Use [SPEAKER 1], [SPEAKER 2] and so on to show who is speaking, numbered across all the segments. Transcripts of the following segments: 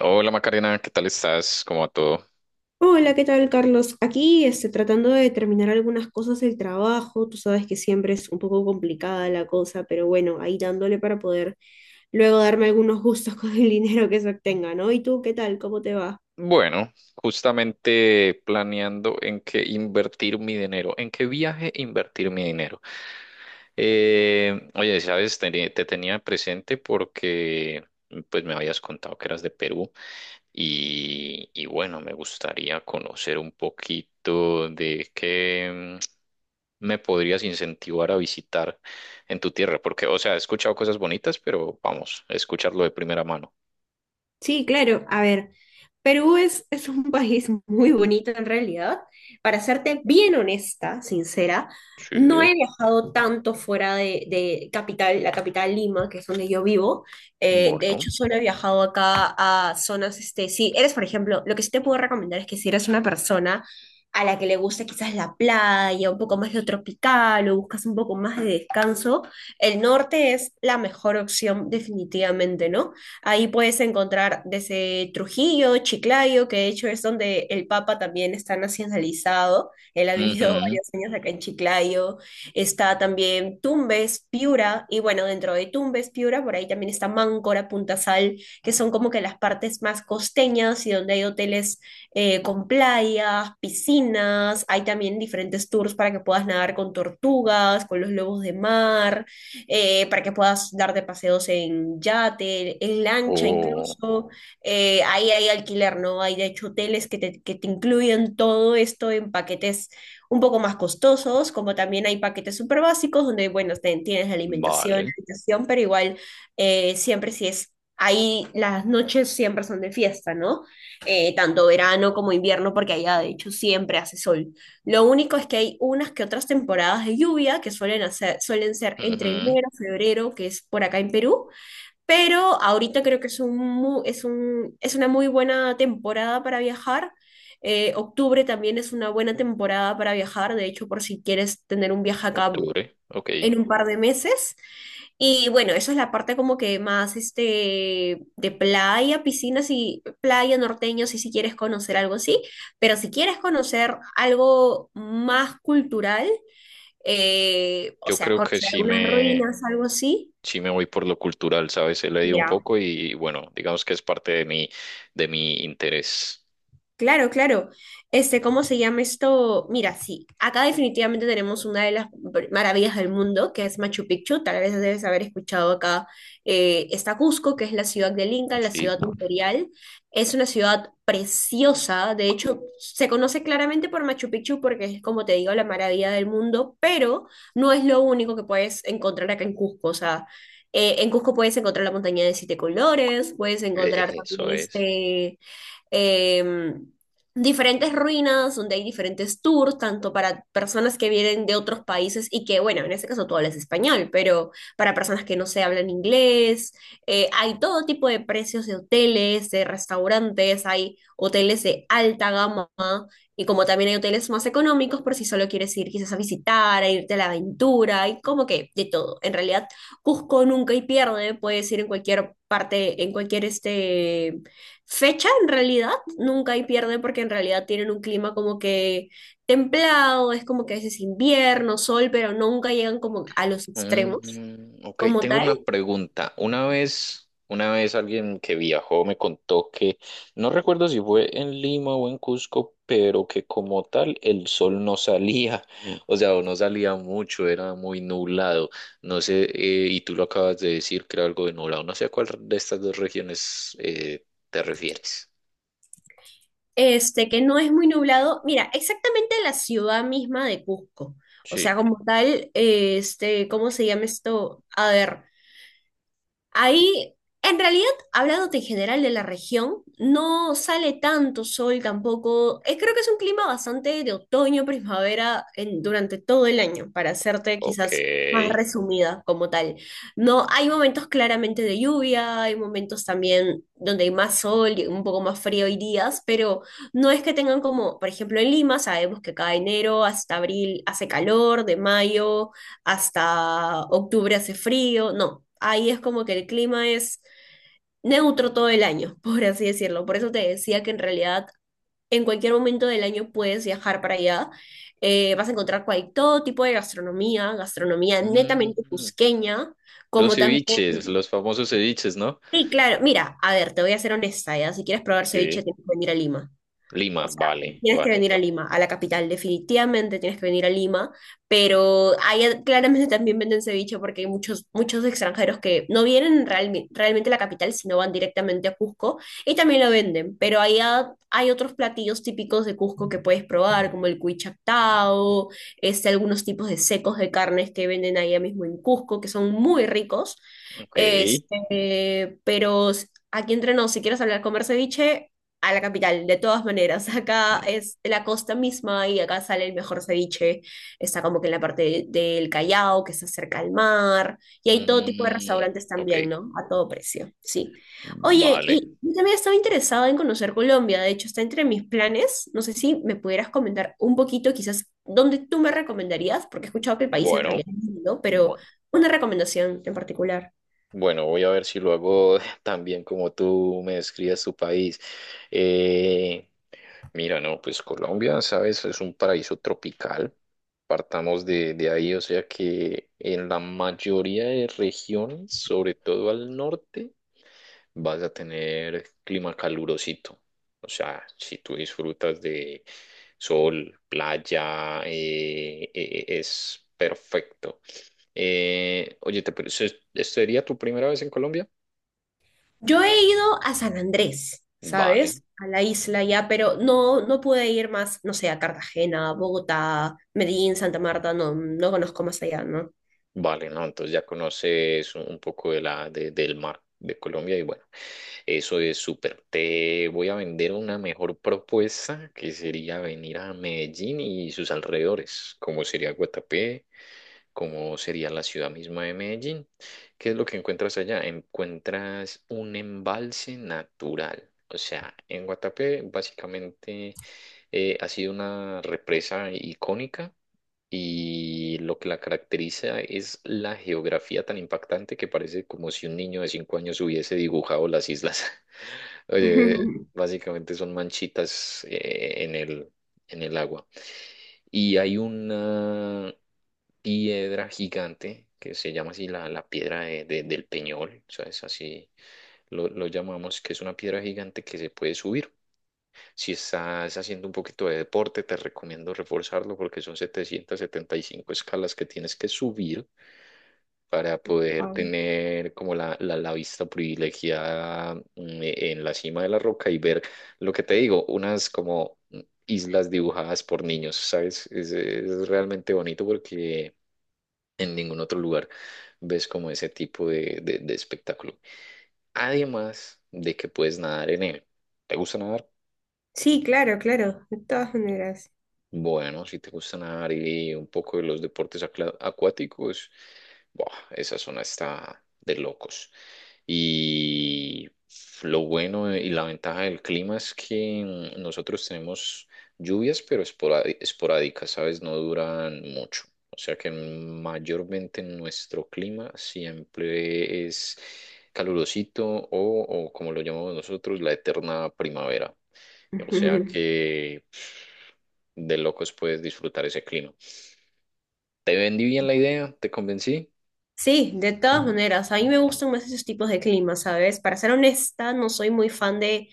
[SPEAKER 1] Hola Macarena, ¿qué tal estás? ¿Cómo va todo?
[SPEAKER 2] Hola, ¿qué tal, Carlos? Aquí tratando de terminar algunas cosas del trabajo. Tú sabes que siempre es un poco complicada la cosa, pero bueno, ahí dándole para poder luego darme algunos gustos con el dinero que se obtenga, ¿no? ¿Y tú qué tal? ¿Cómo te va?
[SPEAKER 1] Bueno, justamente planeando en qué invertir mi dinero, en qué viaje invertir mi dinero. Oye, sabes, tenía presente porque pues me habías contado que eras de Perú y bueno, me gustaría conocer un poquito de qué me podrías incentivar a visitar en tu tierra, porque, o sea, he escuchado cosas bonitas, pero vamos, escucharlo de primera mano.
[SPEAKER 2] Sí, claro. A ver, Perú es un país muy bonito en realidad. Para serte bien honesta, sincera, no
[SPEAKER 1] Sí,
[SPEAKER 2] he viajado tanto fuera de capital, la capital Lima, que es donde yo vivo. De
[SPEAKER 1] bueno.
[SPEAKER 2] hecho, solo he viajado acá a zonas, si eres, por ejemplo, lo que sí te puedo recomendar es que si eres una persona a la que le gusta quizás la playa, un poco más lo tropical o buscas un poco más de descanso, el norte es la mejor opción definitivamente, ¿no? Ahí puedes encontrar desde Trujillo, Chiclayo, que de hecho es donde el Papa también está nacionalizado. Él ha vivido
[SPEAKER 1] Ujú.
[SPEAKER 2] varios años acá en Chiclayo. Está también Tumbes, Piura, y bueno, dentro de Tumbes, Piura, por ahí también está Máncora, Punta Sal, que son como que las partes más costeñas y donde hay hoteles con playas, piscinas. Hay también diferentes tours para que puedas nadar con tortugas, con los lobos de mar, para que puedas darte paseos en yate, en lancha
[SPEAKER 1] Oh,
[SPEAKER 2] incluso. Ahí hay alquiler, ¿no? Hay de hecho hoteles que te incluyen todo esto en paquetes un poco más costosos, como también hay paquetes súper básicos donde, bueno, tienes la alimentación,
[SPEAKER 1] vale.
[SPEAKER 2] la habitación, pero igual, siempre si es... Ahí las noches siempre son de fiesta, ¿no? Tanto verano como invierno, porque allá de hecho siempre hace sol. Lo único es que hay unas que otras temporadas de lluvia que suelen ser entre
[SPEAKER 1] Ujú.
[SPEAKER 2] enero, febrero, que es por acá en Perú, pero ahorita creo que es un, mu- es un, es una muy buena temporada para viajar. Octubre también es una buena temporada para viajar, de hecho, por si quieres tener un viaje acá
[SPEAKER 1] Octubre, ok.
[SPEAKER 2] en un par de meses. Y bueno, esa es la parte como que más de playa, piscinas y playa norteño, si quieres conocer algo así, pero si quieres conocer algo más cultural, o
[SPEAKER 1] Yo
[SPEAKER 2] sea,
[SPEAKER 1] creo que
[SPEAKER 2] conocer algunas ruinas, algo así,
[SPEAKER 1] sí me voy por lo cultural, ¿sabes? He leído un
[SPEAKER 2] mira,
[SPEAKER 1] poco y bueno, digamos que es parte de de mi interés.
[SPEAKER 2] claro, claro. ¿Cómo se llama esto? Mira, sí, acá definitivamente tenemos una de las maravillas del mundo, que es Machu Picchu. Tal vez debes haber escuchado acá. Está Cusco, que es la ciudad del Inca, la
[SPEAKER 1] Sí,
[SPEAKER 2] ciudad imperial. Es una ciudad preciosa. De hecho, se conoce claramente por Machu Picchu porque es, como te digo, la maravilla del mundo, pero no es lo único que puedes encontrar acá en Cusco. O sea, en Cusco puedes encontrar la montaña de siete colores, puedes encontrar
[SPEAKER 1] eso
[SPEAKER 2] también
[SPEAKER 1] es.
[SPEAKER 2] eh, diferentes ruinas donde hay diferentes tours, tanto para personas que vienen de otros países y que, bueno, en este caso tú hablas español, pero para personas que no se hablan inglés, hay todo tipo de precios de hoteles, de restaurantes, hay hoteles de alta gama y como también hay hoteles más económicos por si solo quieres ir quizás a visitar, a irte a la aventura, y como que de todo. En realidad, Cusco nunca y pierde, puedes ir en cualquier parte, en cualquier fecha en realidad, nunca hay pierde porque en realidad tienen un clima como que templado, es como que a veces invierno, sol, pero nunca llegan como a los extremos
[SPEAKER 1] Ok,
[SPEAKER 2] como
[SPEAKER 1] tengo una
[SPEAKER 2] tal.
[SPEAKER 1] pregunta. Una vez alguien que viajó me contó que, no recuerdo si fue en Lima o en Cusco, pero que como tal el sol no salía, o sea, o no salía mucho, era muy nublado. No sé, y tú lo acabas de decir que era algo de nublado. No sé a cuál de estas dos regiones te refieres.
[SPEAKER 2] Que no es muy nublado. Mira, exactamente la ciudad misma de Cusco. O sea,
[SPEAKER 1] Sí.
[SPEAKER 2] como tal, ¿cómo se llama esto? A ver. Ahí, en realidad, hablándote en general de la región, no sale tanto sol tampoco. Creo que es un clima bastante de otoño, primavera, durante todo el año, para hacerte
[SPEAKER 1] Ok.
[SPEAKER 2] quizás más resumida como tal. No, hay momentos claramente de lluvia, hay momentos también donde hay más sol y un poco más frío y días, pero no es que tengan como, por ejemplo, en Lima, sabemos que cada enero hasta abril hace calor, de mayo hasta octubre hace frío, no, ahí es como que el clima es neutro todo el año, por así decirlo. Por eso te decía que en realidad en cualquier momento del año puedes viajar para allá. Vas a encontrar todo tipo de gastronomía, gastronomía netamente
[SPEAKER 1] Mm,
[SPEAKER 2] cusqueña,
[SPEAKER 1] los
[SPEAKER 2] como también...
[SPEAKER 1] ceviches, los famosos ceviches, ¿no?
[SPEAKER 2] Sí, claro, mira, a ver, te voy a ser honesta, ya, si quieres probar ceviche
[SPEAKER 1] Sí.
[SPEAKER 2] tienes que venir a Lima.
[SPEAKER 1] Lima,
[SPEAKER 2] O sea,
[SPEAKER 1] vale,
[SPEAKER 2] tienes que
[SPEAKER 1] vale.
[SPEAKER 2] venir a Lima, a la capital, definitivamente tienes que venir a Lima, pero ahí claramente también venden ceviche porque hay muchos, muchos extranjeros que no vienen realmente a la capital, sino van directamente a Cusco y también lo venden, pero ahí hay otros platillos típicos de Cusco que puedes probar, como el cuy chactao, algunos tipos de secos de carnes que venden ahí mismo en Cusco, que son muy ricos.
[SPEAKER 1] Ok.
[SPEAKER 2] Pero aquí entre nos, si quieres hablar comer ceviche, a la capital, de todas maneras. Acá es la costa misma y acá sale el mejor ceviche. Está como que en la parte del Callao, que está cerca al mar. Y hay todo tipo de
[SPEAKER 1] Mm,
[SPEAKER 2] restaurantes
[SPEAKER 1] ok.
[SPEAKER 2] también, ¿no? A todo precio, sí. Oye,
[SPEAKER 1] Vale.
[SPEAKER 2] y yo también estaba interesada en conocer Colombia. De hecho, está entre mis planes. No sé si me pudieras comentar un poquito, quizás, dónde tú me recomendarías, porque he escuchado que el país en
[SPEAKER 1] Bueno,
[SPEAKER 2] realidad es lindo, pero
[SPEAKER 1] bueno.
[SPEAKER 2] una recomendación en particular.
[SPEAKER 1] Bueno, voy a ver si lo hago tan bien como tú me describes tu país. Eh, mira, no, pues Colombia, sabes, es un paraíso tropical. Partamos de ahí, o sea que en la mayoría de regiones, sobre todo al norte, vas a tener clima calurosito. O sea, si tú disfrutas de sol, playa, es perfecto. Oye, ¿sería tu primera vez en Colombia?
[SPEAKER 2] Yo he ido a San Andrés,
[SPEAKER 1] Vale.
[SPEAKER 2] ¿sabes? A la isla ya, pero no, no pude ir más, no sé, a Cartagena, Bogotá, Medellín, Santa Marta, no, no conozco más allá, ¿no?
[SPEAKER 1] Vale, ¿no? Entonces ya conoces un poco de del mar de Colombia y bueno, eso es súper. Te voy a vender una mejor propuesta que sería venir a Medellín y sus alrededores, como sería Guatapé, como sería la ciudad misma de Medellín. ¿Qué es lo que encuentras allá? Encuentras un embalse natural. O sea, en Guatapé básicamente ha sido una represa icónica y lo que la caracteriza es la geografía tan impactante que parece como si un niño de cinco años hubiese dibujado las islas. Oye, básicamente son manchitas en en el agua. Y hay una piedra gigante que se llama así la piedra del Peñol, o sea, es así, lo llamamos, que es una piedra gigante que se puede subir. Si estás haciendo un poquito de deporte, te recomiendo reforzarlo porque son 775 escalas que tienes que subir para poder
[SPEAKER 2] Wow.
[SPEAKER 1] tener como la vista privilegiada en la cima de la roca y ver lo que te digo, unas como islas dibujadas por niños, ¿sabes? Es realmente bonito porque en ningún otro lugar ves como ese tipo de espectáculo. Además de que puedes nadar en él. ¿Te gusta nadar?
[SPEAKER 2] Sí, claro, claro, de todas maneras.
[SPEAKER 1] Bueno, si te gusta nadar y un poco de los deportes acuáticos, buah, esa zona está de locos. Y lo bueno y la ventaja del clima es que nosotros tenemos lluvias, pero esporádicas, ¿sabes? No duran mucho. O sea que mayormente nuestro clima siempre es calurosito o como lo llamamos nosotros, la eterna primavera. O sea que de locos puedes disfrutar ese clima. ¿Te vendí bien la idea? ¿Te convencí?
[SPEAKER 2] Sí, de todas maneras, a mí me gustan más esos tipos de climas, ¿sabes? Para ser honesta, no soy muy fan de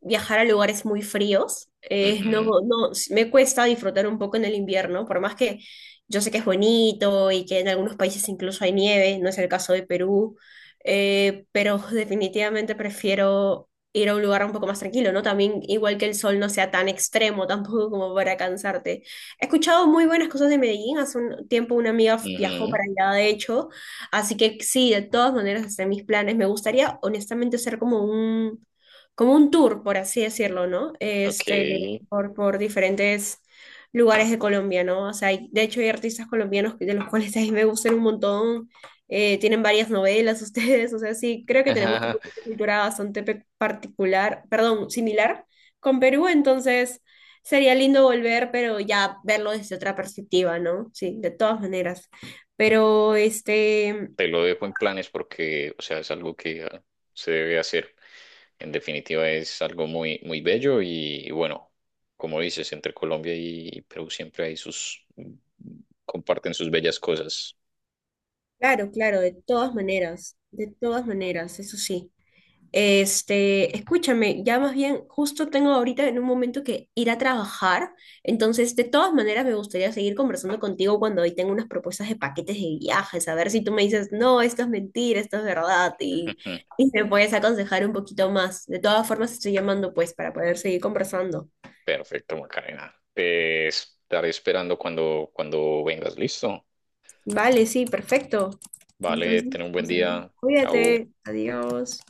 [SPEAKER 2] viajar a lugares muy fríos. No,
[SPEAKER 1] Ujú,
[SPEAKER 2] no, me cuesta disfrutar un poco en el invierno, por más que yo sé que es bonito y que en algunos países incluso hay nieve, no es el caso de Perú, pero definitivamente prefiero ir a un lugar un poco más tranquilo, ¿no? También igual que el sol no sea tan extremo tampoco como para cansarte. He escuchado muy buenas cosas de Medellín, hace un tiempo una amiga viajó
[SPEAKER 1] ujú,
[SPEAKER 2] para allá, de hecho. Así que sí, de todas maneras, hasta mis planes. Me gustaría, honestamente, hacer como un tour, por así decirlo, ¿no? Este,
[SPEAKER 1] ok.
[SPEAKER 2] por, por diferentes lugares de Colombia, ¿no? O sea, de hecho hay artistas colombianos de los cuales a mí me gustan un montón. Tienen varias novelas ustedes, o sea, sí, creo que tenemos como una cultura bastante similar con Perú, entonces sería lindo volver, pero ya verlo desde otra perspectiva, ¿no? Sí, de todas maneras. Pero este,
[SPEAKER 1] Te lo dejo en planes porque, o sea, es algo que ah, se debe hacer. En definitiva, es algo muy, muy bello y bueno, como dices, entre Colombia y Perú siempre hay sus, comparten sus bellas cosas.
[SPEAKER 2] Claro, claro, de todas maneras, eso sí. Escúchame, ya más bien, justo tengo ahorita en un momento que ir a trabajar, entonces de todas maneras me gustaría seguir conversando contigo cuando hoy tengo unas propuestas de paquetes de viajes, a ver si tú me dices, no, esto es mentira, esto es verdad,
[SPEAKER 1] Ujú.
[SPEAKER 2] y me puedes aconsejar un poquito más. De todas formas, estoy llamando pues para poder seguir conversando.
[SPEAKER 1] Perfecto, Macarena. Te estaré esperando cuando vengas, ¿listo?
[SPEAKER 2] Vale, sí, perfecto.
[SPEAKER 1] Vale,
[SPEAKER 2] Entonces,
[SPEAKER 1] ten un buen
[SPEAKER 2] vamos a ver.
[SPEAKER 1] día. Chao.
[SPEAKER 2] Cuídate, adiós.